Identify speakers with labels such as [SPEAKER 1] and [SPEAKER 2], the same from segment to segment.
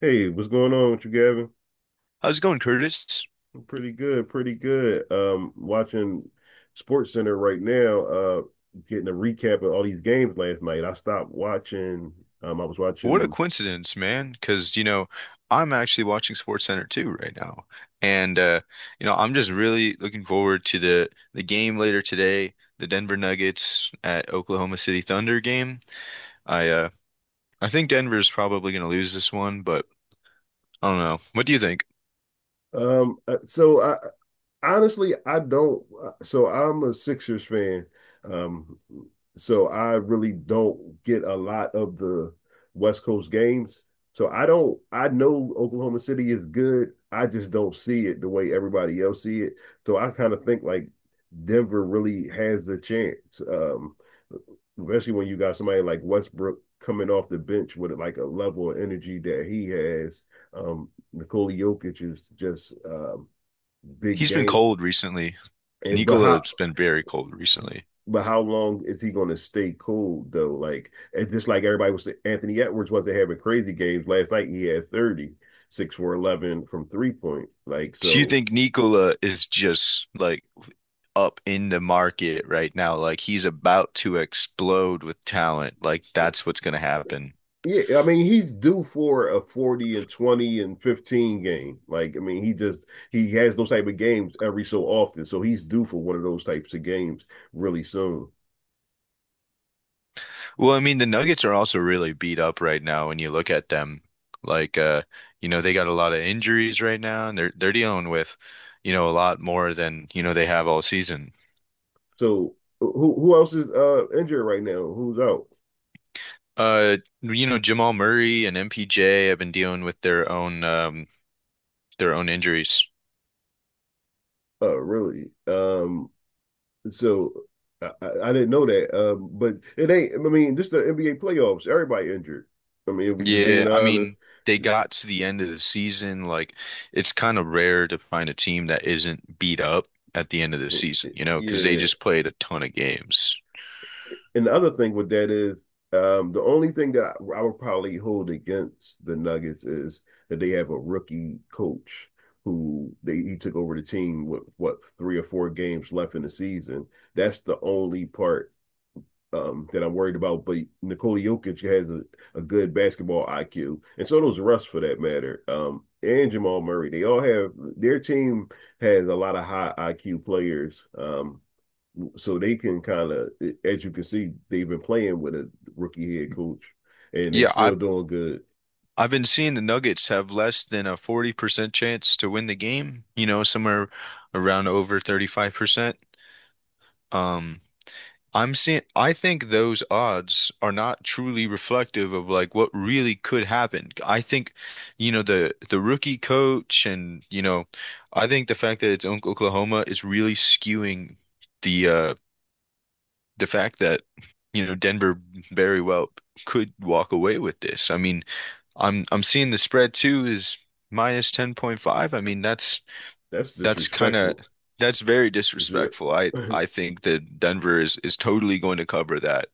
[SPEAKER 1] Hey, what's going on with you, Gavin?
[SPEAKER 2] How's it going, Curtis?
[SPEAKER 1] I'm pretty good, pretty good. Watching Sports Center right now, getting a recap of all these games last night. I stopped watching. I was
[SPEAKER 2] What a
[SPEAKER 1] watching.
[SPEAKER 2] coincidence, man. Because, you know, I'm actually watching SportsCenter too right now. And I'm just really looking forward to the game later today, the Denver Nuggets at Oklahoma City Thunder game. I uh I think Denver's probably gonna lose this one, but I don't know. What do you think?
[SPEAKER 1] So I honestly, I don't. So I'm a Sixers fan. Um, so I really don't get a lot of the West Coast games. So I don't. I know Oklahoma City is good. I just don't see it the way everybody else see it. So I kind of think like Denver really has a chance. Especially when you got somebody like Westbrook coming off the bench with like a level of energy that he has. Nikola Jokic is just big
[SPEAKER 2] He's been
[SPEAKER 1] game.
[SPEAKER 2] cold recently.
[SPEAKER 1] and but how
[SPEAKER 2] Nikola's been very cold recently.
[SPEAKER 1] but how long is he going to stay cool though? Like it's just like everybody was saying, Anthony Edwards wasn't having crazy games last night. He had 36 for 11 from 3-point. Like
[SPEAKER 2] Do you
[SPEAKER 1] so,
[SPEAKER 2] think Nikola is just like up in the market right now? Like he's about to explode with talent. Like that's what's going to happen.
[SPEAKER 1] yeah. I mean, he's due for a 40 and 20 and 15 game. Like I mean, he has those type of games every so often. So he's due for one of those types of games really soon.
[SPEAKER 2] Well, I mean, the Nuggets are also really beat up right now when you look at them. Like uh, they got a lot of injuries right now and they're dealing with a lot more than, they have all season.
[SPEAKER 1] So who else is injured right now? Who's out?
[SPEAKER 2] Jamal Murray and MPJ have been dealing with their own their own injuries.
[SPEAKER 1] Really? So I didn't know that. But it ain't. I mean, this is the NBA playoffs. Everybody injured. I mean, if we just being
[SPEAKER 2] Yeah, I
[SPEAKER 1] honest,
[SPEAKER 2] mean, they got to the end of the season. Like, it's kind of rare to find a team that isn't beat up at the end of the season, you know, because they
[SPEAKER 1] yeah.
[SPEAKER 2] just played a ton of games.
[SPEAKER 1] And the other thing with that is, the only thing that I would probably hold against the Nuggets is that they have a rookie coach who they he took over the team with what three or four games left in the season. That's the only part that I'm worried about. But Nikola Jokic has a good basketball IQ, and so does Russ for that matter. And Jamal Murray, they all have their team has a lot of high IQ players. So they can kind of, as you can see, they've been playing with a rookie head coach, and they
[SPEAKER 2] Yeah,
[SPEAKER 1] still
[SPEAKER 2] I've
[SPEAKER 1] doing good.
[SPEAKER 2] I've been seeing the Nuggets have less than a 40% chance to win the game, you know, somewhere around over 35%. Um, I'm seeing, I think those odds are not truly reflective of like what really could happen. I think, the rookie coach and, I think the fact that it's Oklahoma is really skewing the the fact that, Denver very well could walk away with this. I mean, I'm seeing the spread too is minus 10.5. I mean,
[SPEAKER 1] That's
[SPEAKER 2] that's kind of
[SPEAKER 1] disrespectful.
[SPEAKER 2] That's very disrespectful. I think that Denver is totally going to cover that.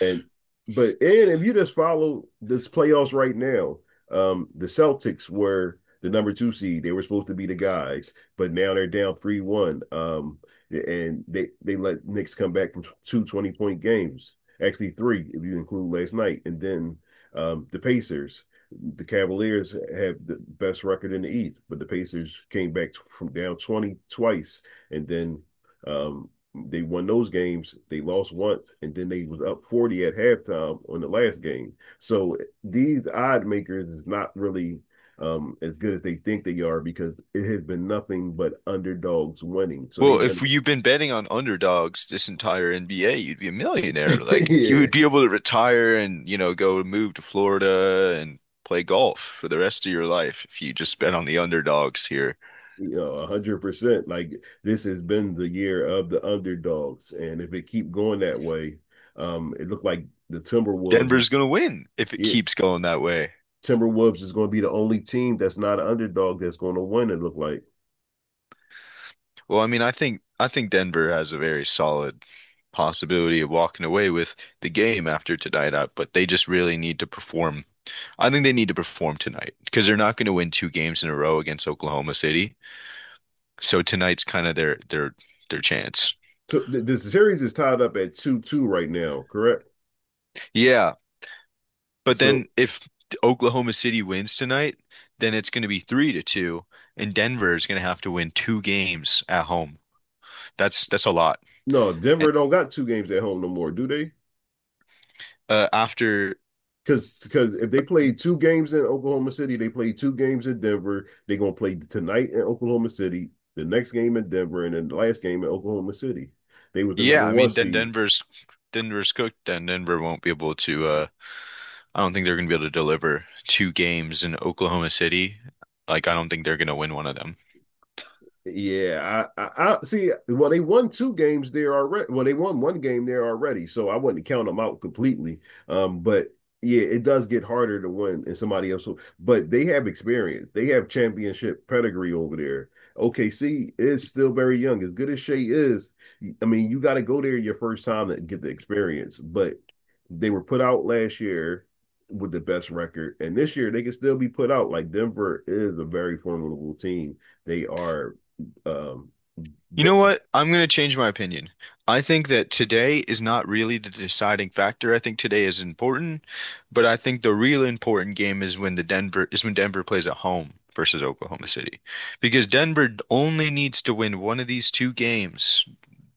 [SPEAKER 1] And and if you just follow this playoffs right now, the Celtics were the number two seed. They were supposed to be the guys, but now they're down 3-1. And they let Knicks come back from two 20-point games, actually three if you include last night, and then the Pacers. The Cavaliers have the best record in the East, but the Pacers came back from down 20 twice, and then um, they won those games. They lost once, and then they was up 40 at halftime on the last game. So these odd makers is not really as good as they think they are because it has been nothing but underdogs winning. So
[SPEAKER 2] Well, if you've been betting on underdogs this entire NBA, you'd be a millionaire. Like you
[SPEAKER 1] yeah,
[SPEAKER 2] would be able to retire and, you know, go move to Florida and play golf for the rest of your life if you just bet on the underdogs here.
[SPEAKER 1] 100%. Like this has been the year of the underdogs, and if it keep going that way, it looked like the Timberwolves
[SPEAKER 2] Denver's
[SPEAKER 1] is
[SPEAKER 2] gonna win if it
[SPEAKER 1] it.
[SPEAKER 2] keeps going that way.
[SPEAKER 1] Timberwolves is going to be the only team that's not an underdog that's going to win. It looked like.
[SPEAKER 2] Well, I mean, I think Denver has a very solid possibility of walking away with the game after tonight up, but they just really need to perform. I think they need to perform tonight because they're not going to win two games in a row against Oklahoma City. So tonight's kind of their chance.
[SPEAKER 1] Two, th- Series is tied up at 2-2 right now, correct?
[SPEAKER 2] Yeah, but
[SPEAKER 1] So
[SPEAKER 2] then if Oklahoma City wins tonight, then it's going to be three to two, and Denver is going to have to win two games at home. That's a lot.
[SPEAKER 1] no,
[SPEAKER 2] And
[SPEAKER 1] Denver don't got two games at home no more, do they?
[SPEAKER 2] uh, after,
[SPEAKER 1] Because if they played two games in Oklahoma City, they played two games in Denver. They're gonna play tonight in Oklahoma City, the next game in Denver, and then the last game in Oklahoma City. They were the
[SPEAKER 2] yeah,
[SPEAKER 1] number
[SPEAKER 2] I
[SPEAKER 1] one
[SPEAKER 2] mean, then
[SPEAKER 1] seed.
[SPEAKER 2] Denver's cooked. Then Denver won't be able to. I don't think they're going to be able to deliver two games in Oklahoma City. Like, I don't think they're going to win one of them.
[SPEAKER 1] Yeah, I see. Well, they won two games there already. Well, they won one game there already, so I wouldn't count them out completely. But yeah, it does get harder to win in somebody else. But they have experience. They have championship pedigree over there. OKC is still very young. As good as Shea is, I mean, you got to go there your first time to get the experience. But they were put out last year with the best record, and this year they can still be put out. Like Denver is a very formidable team. They are, um,
[SPEAKER 2] You
[SPEAKER 1] but
[SPEAKER 2] know what? I'm going to change my opinion. I think that today is not really the deciding factor. I think today is important, but I think the real important game is when Denver plays at home versus Oklahoma City. Because Denver only needs to win one of these two games,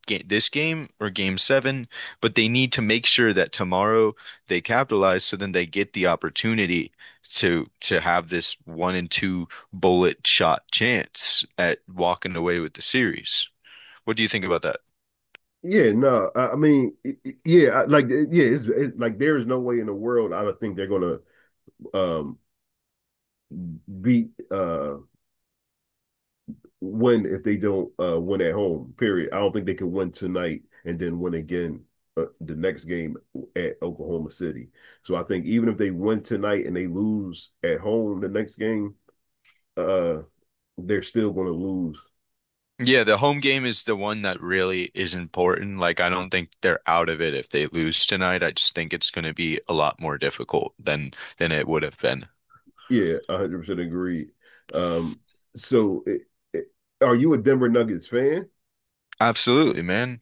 [SPEAKER 2] this game or game seven, but they need to make sure that tomorrow they capitalize so then they get the opportunity to have this one and two bullet shot chance at walking away with the series. What do you think about that?
[SPEAKER 1] yeah, no, I mean, yeah, like yeah, like there is no way in the world I don't think they're gonna um beat win if they don't win at home. Period. I don't think they can win tonight and then win again the next game at Oklahoma City. So I think even if they win tonight and they lose at home the next game, uh they're still going to lose.
[SPEAKER 2] Yeah, the home game is the one that really is important. Like, I don't think they're out of it if they lose tonight. I just think it's going to be a lot more difficult than it would have been.
[SPEAKER 1] Yeah, 100% agreed. Um so it, are you a Denver Nuggets fan?
[SPEAKER 2] Absolutely, man.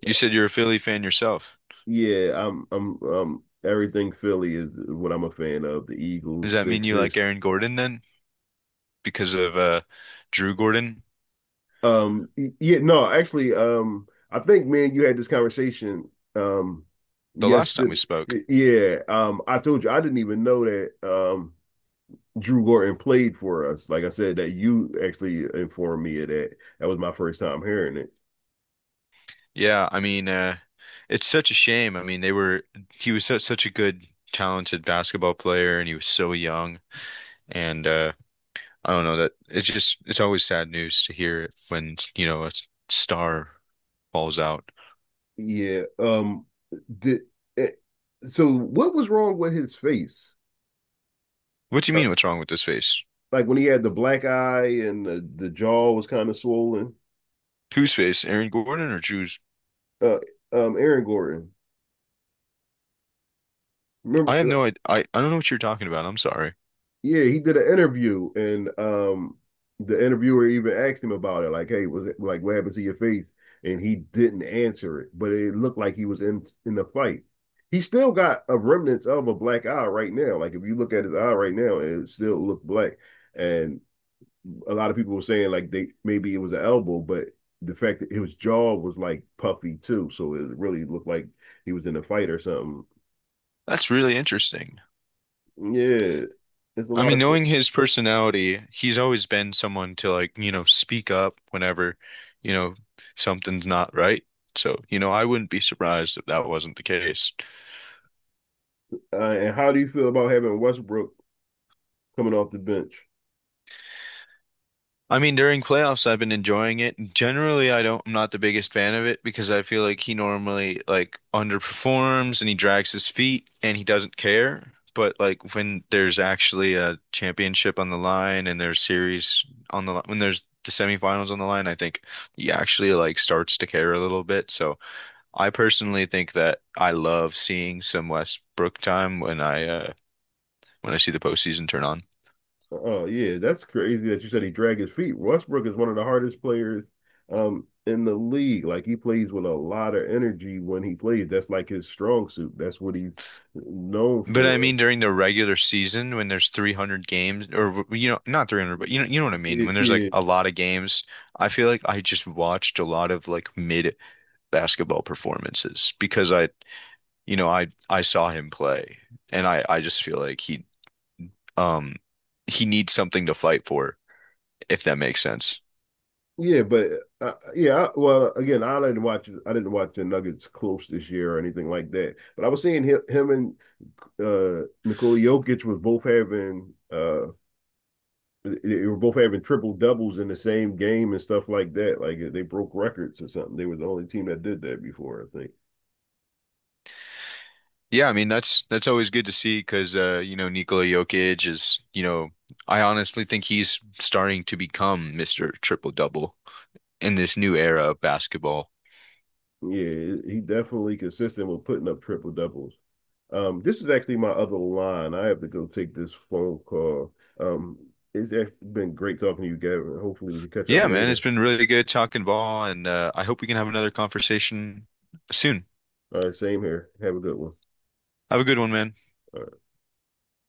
[SPEAKER 2] You said you're a Philly fan yourself.
[SPEAKER 1] Yeah, I'm everything Philly is what I'm a fan of, the
[SPEAKER 2] Does
[SPEAKER 1] Eagles,
[SPEAKER 2] that mean you like
[SPEAKER 1] Sixers.
[SPEAKER 2] Aaron Gordon then? Because of Drew Gordon
[SPEAKER 1] Um yeah, no, actually I think, man, you had this conversation um
[SPEAKER 2] the last time we
[SPEAKER 1] yesterday.
[SPEAKER 2] spoke.
[SPEAKER 1] Yeah, I told you I didn't even know that Drew Gordon played for us. Like I said, that you actually informed me of that. That was my first time hearing it.
[SPEAKER 2] Yeah, I mean, it's such a shame. I mean, they were he was such a good, talented basketball player and he was so young and I don't know that it's just it's always sad news to hear when, you know, a star falls out.
[SPEAKER 1] Yeah. Did it, so? What was wrong with his face?
[SPEAKER 2] What do you
[SPEAKER 1] Uh,
[SPEAKER 2] mean what's wrong with this face?
[SPEAKER 1] like when he had the black eye and the jaw was kind of swollen.
[SPEAKER 2] Whose face? Aaron Gordon or Drew's?
[SPEAKER 1] Uh. Aaron Gordon. Remember?
[SPEAKER 2] I have no idea. I don't know what you're talking about. I'm sorry.
[SPEAKER 1] Yeah. He did an interview, and the interviewer even asked him about it. Like, hey, was it like what happened to your face? And he didn't answer it, but it looked like he was in the fight. He still got a remnants of a black eye right now. Like if you look at his eye right now, it still look black, and a lot of people were saying like they maybe it was an elbow, but the fact that his jaw was like puffy too, so it really looked like he was in a fight or something.
[SPEAKER 2] That's really interesting.
[SPEAKER 1] Yeah, it's a
[SPEAKER 2] I
[SPEAKER 1] lot
[SPEAKER 2] mean,
[SPEAKER 1] of.
[SPEAKER 2] knowing his personality, he's always been someone to like, you know, speak up whenever, you know, something's not right. So, you know, I wouldn't be surprised if that wasn't the case.
[SPEAKER 1] Uh, and how do you feel about having Westbrook coming off the bench?
[SPEAKER 2] I mean, during playoffs, I've been enjoying it. Generally, I'm not the biggest fan of it because I feel like he normally like underperforms and he drags his feet and he doesn't care. But like when there's actually a championship on the line and there's series on the line, when there's the semifinals on the line, I think he actually like starts to care a little bit. So I personally think that I love seeing some Westbrook time when I see the postseason turn on.
[SPEAKER 1] Oh, yeah, that's crazy that you said he dragged his feet. Westbrook is one of the hardest players in the league. Like he plays with a lot of energy when he plays. That's like his strong suit. That's what he's known
[SPEAKER 2] But I
[SPEAKER 1] for.
[SPEAKER 2] mean, during the regular season, when there's 300 games, or you know, not 300, but you know what I mean. When there's like
[SPEAKER 1] Yeah,
[SPEAKER 2] a lot of games, I feel like I just watched a lot of like mid basketball performances I saw him play, and I just feel like um, he needs something to fight for, if that makes sense.
[SPEAKER 1] yeah, but yeah, well, again, I didn't watch the Nuggets close this year or anything like that. But I was seeing him and Nikola Jokic was both having they were both having triple doubles in the same game and stuff like that. Like they broke records or something. They were the only team that did that before, I think.
[SPEAKER 2] Yeah, I mean that's always good to see because you know Nikola Jokic is you know I honestly think he's starting to become Mr. Triple Double in this new era of basketball.
[SPEAKER 1] Yeah, he definitely consistent with putting up triple doubles. This is actually my other line. I have to go take this phone call. Um, it's actually been great talking to you, Gavin. Hopefully we can catch up
[SPEAKER 2] Yeah, man, it's
[SPEAKER 1] later.
[SPEAKER 2] been really good talking ball, and I hope we can have another conversation soon.
[SPEAKER 1] All right, same here. Have a good one. All
[SPEAKER 2] Have a good one, man.
[SPEAKER 1] right.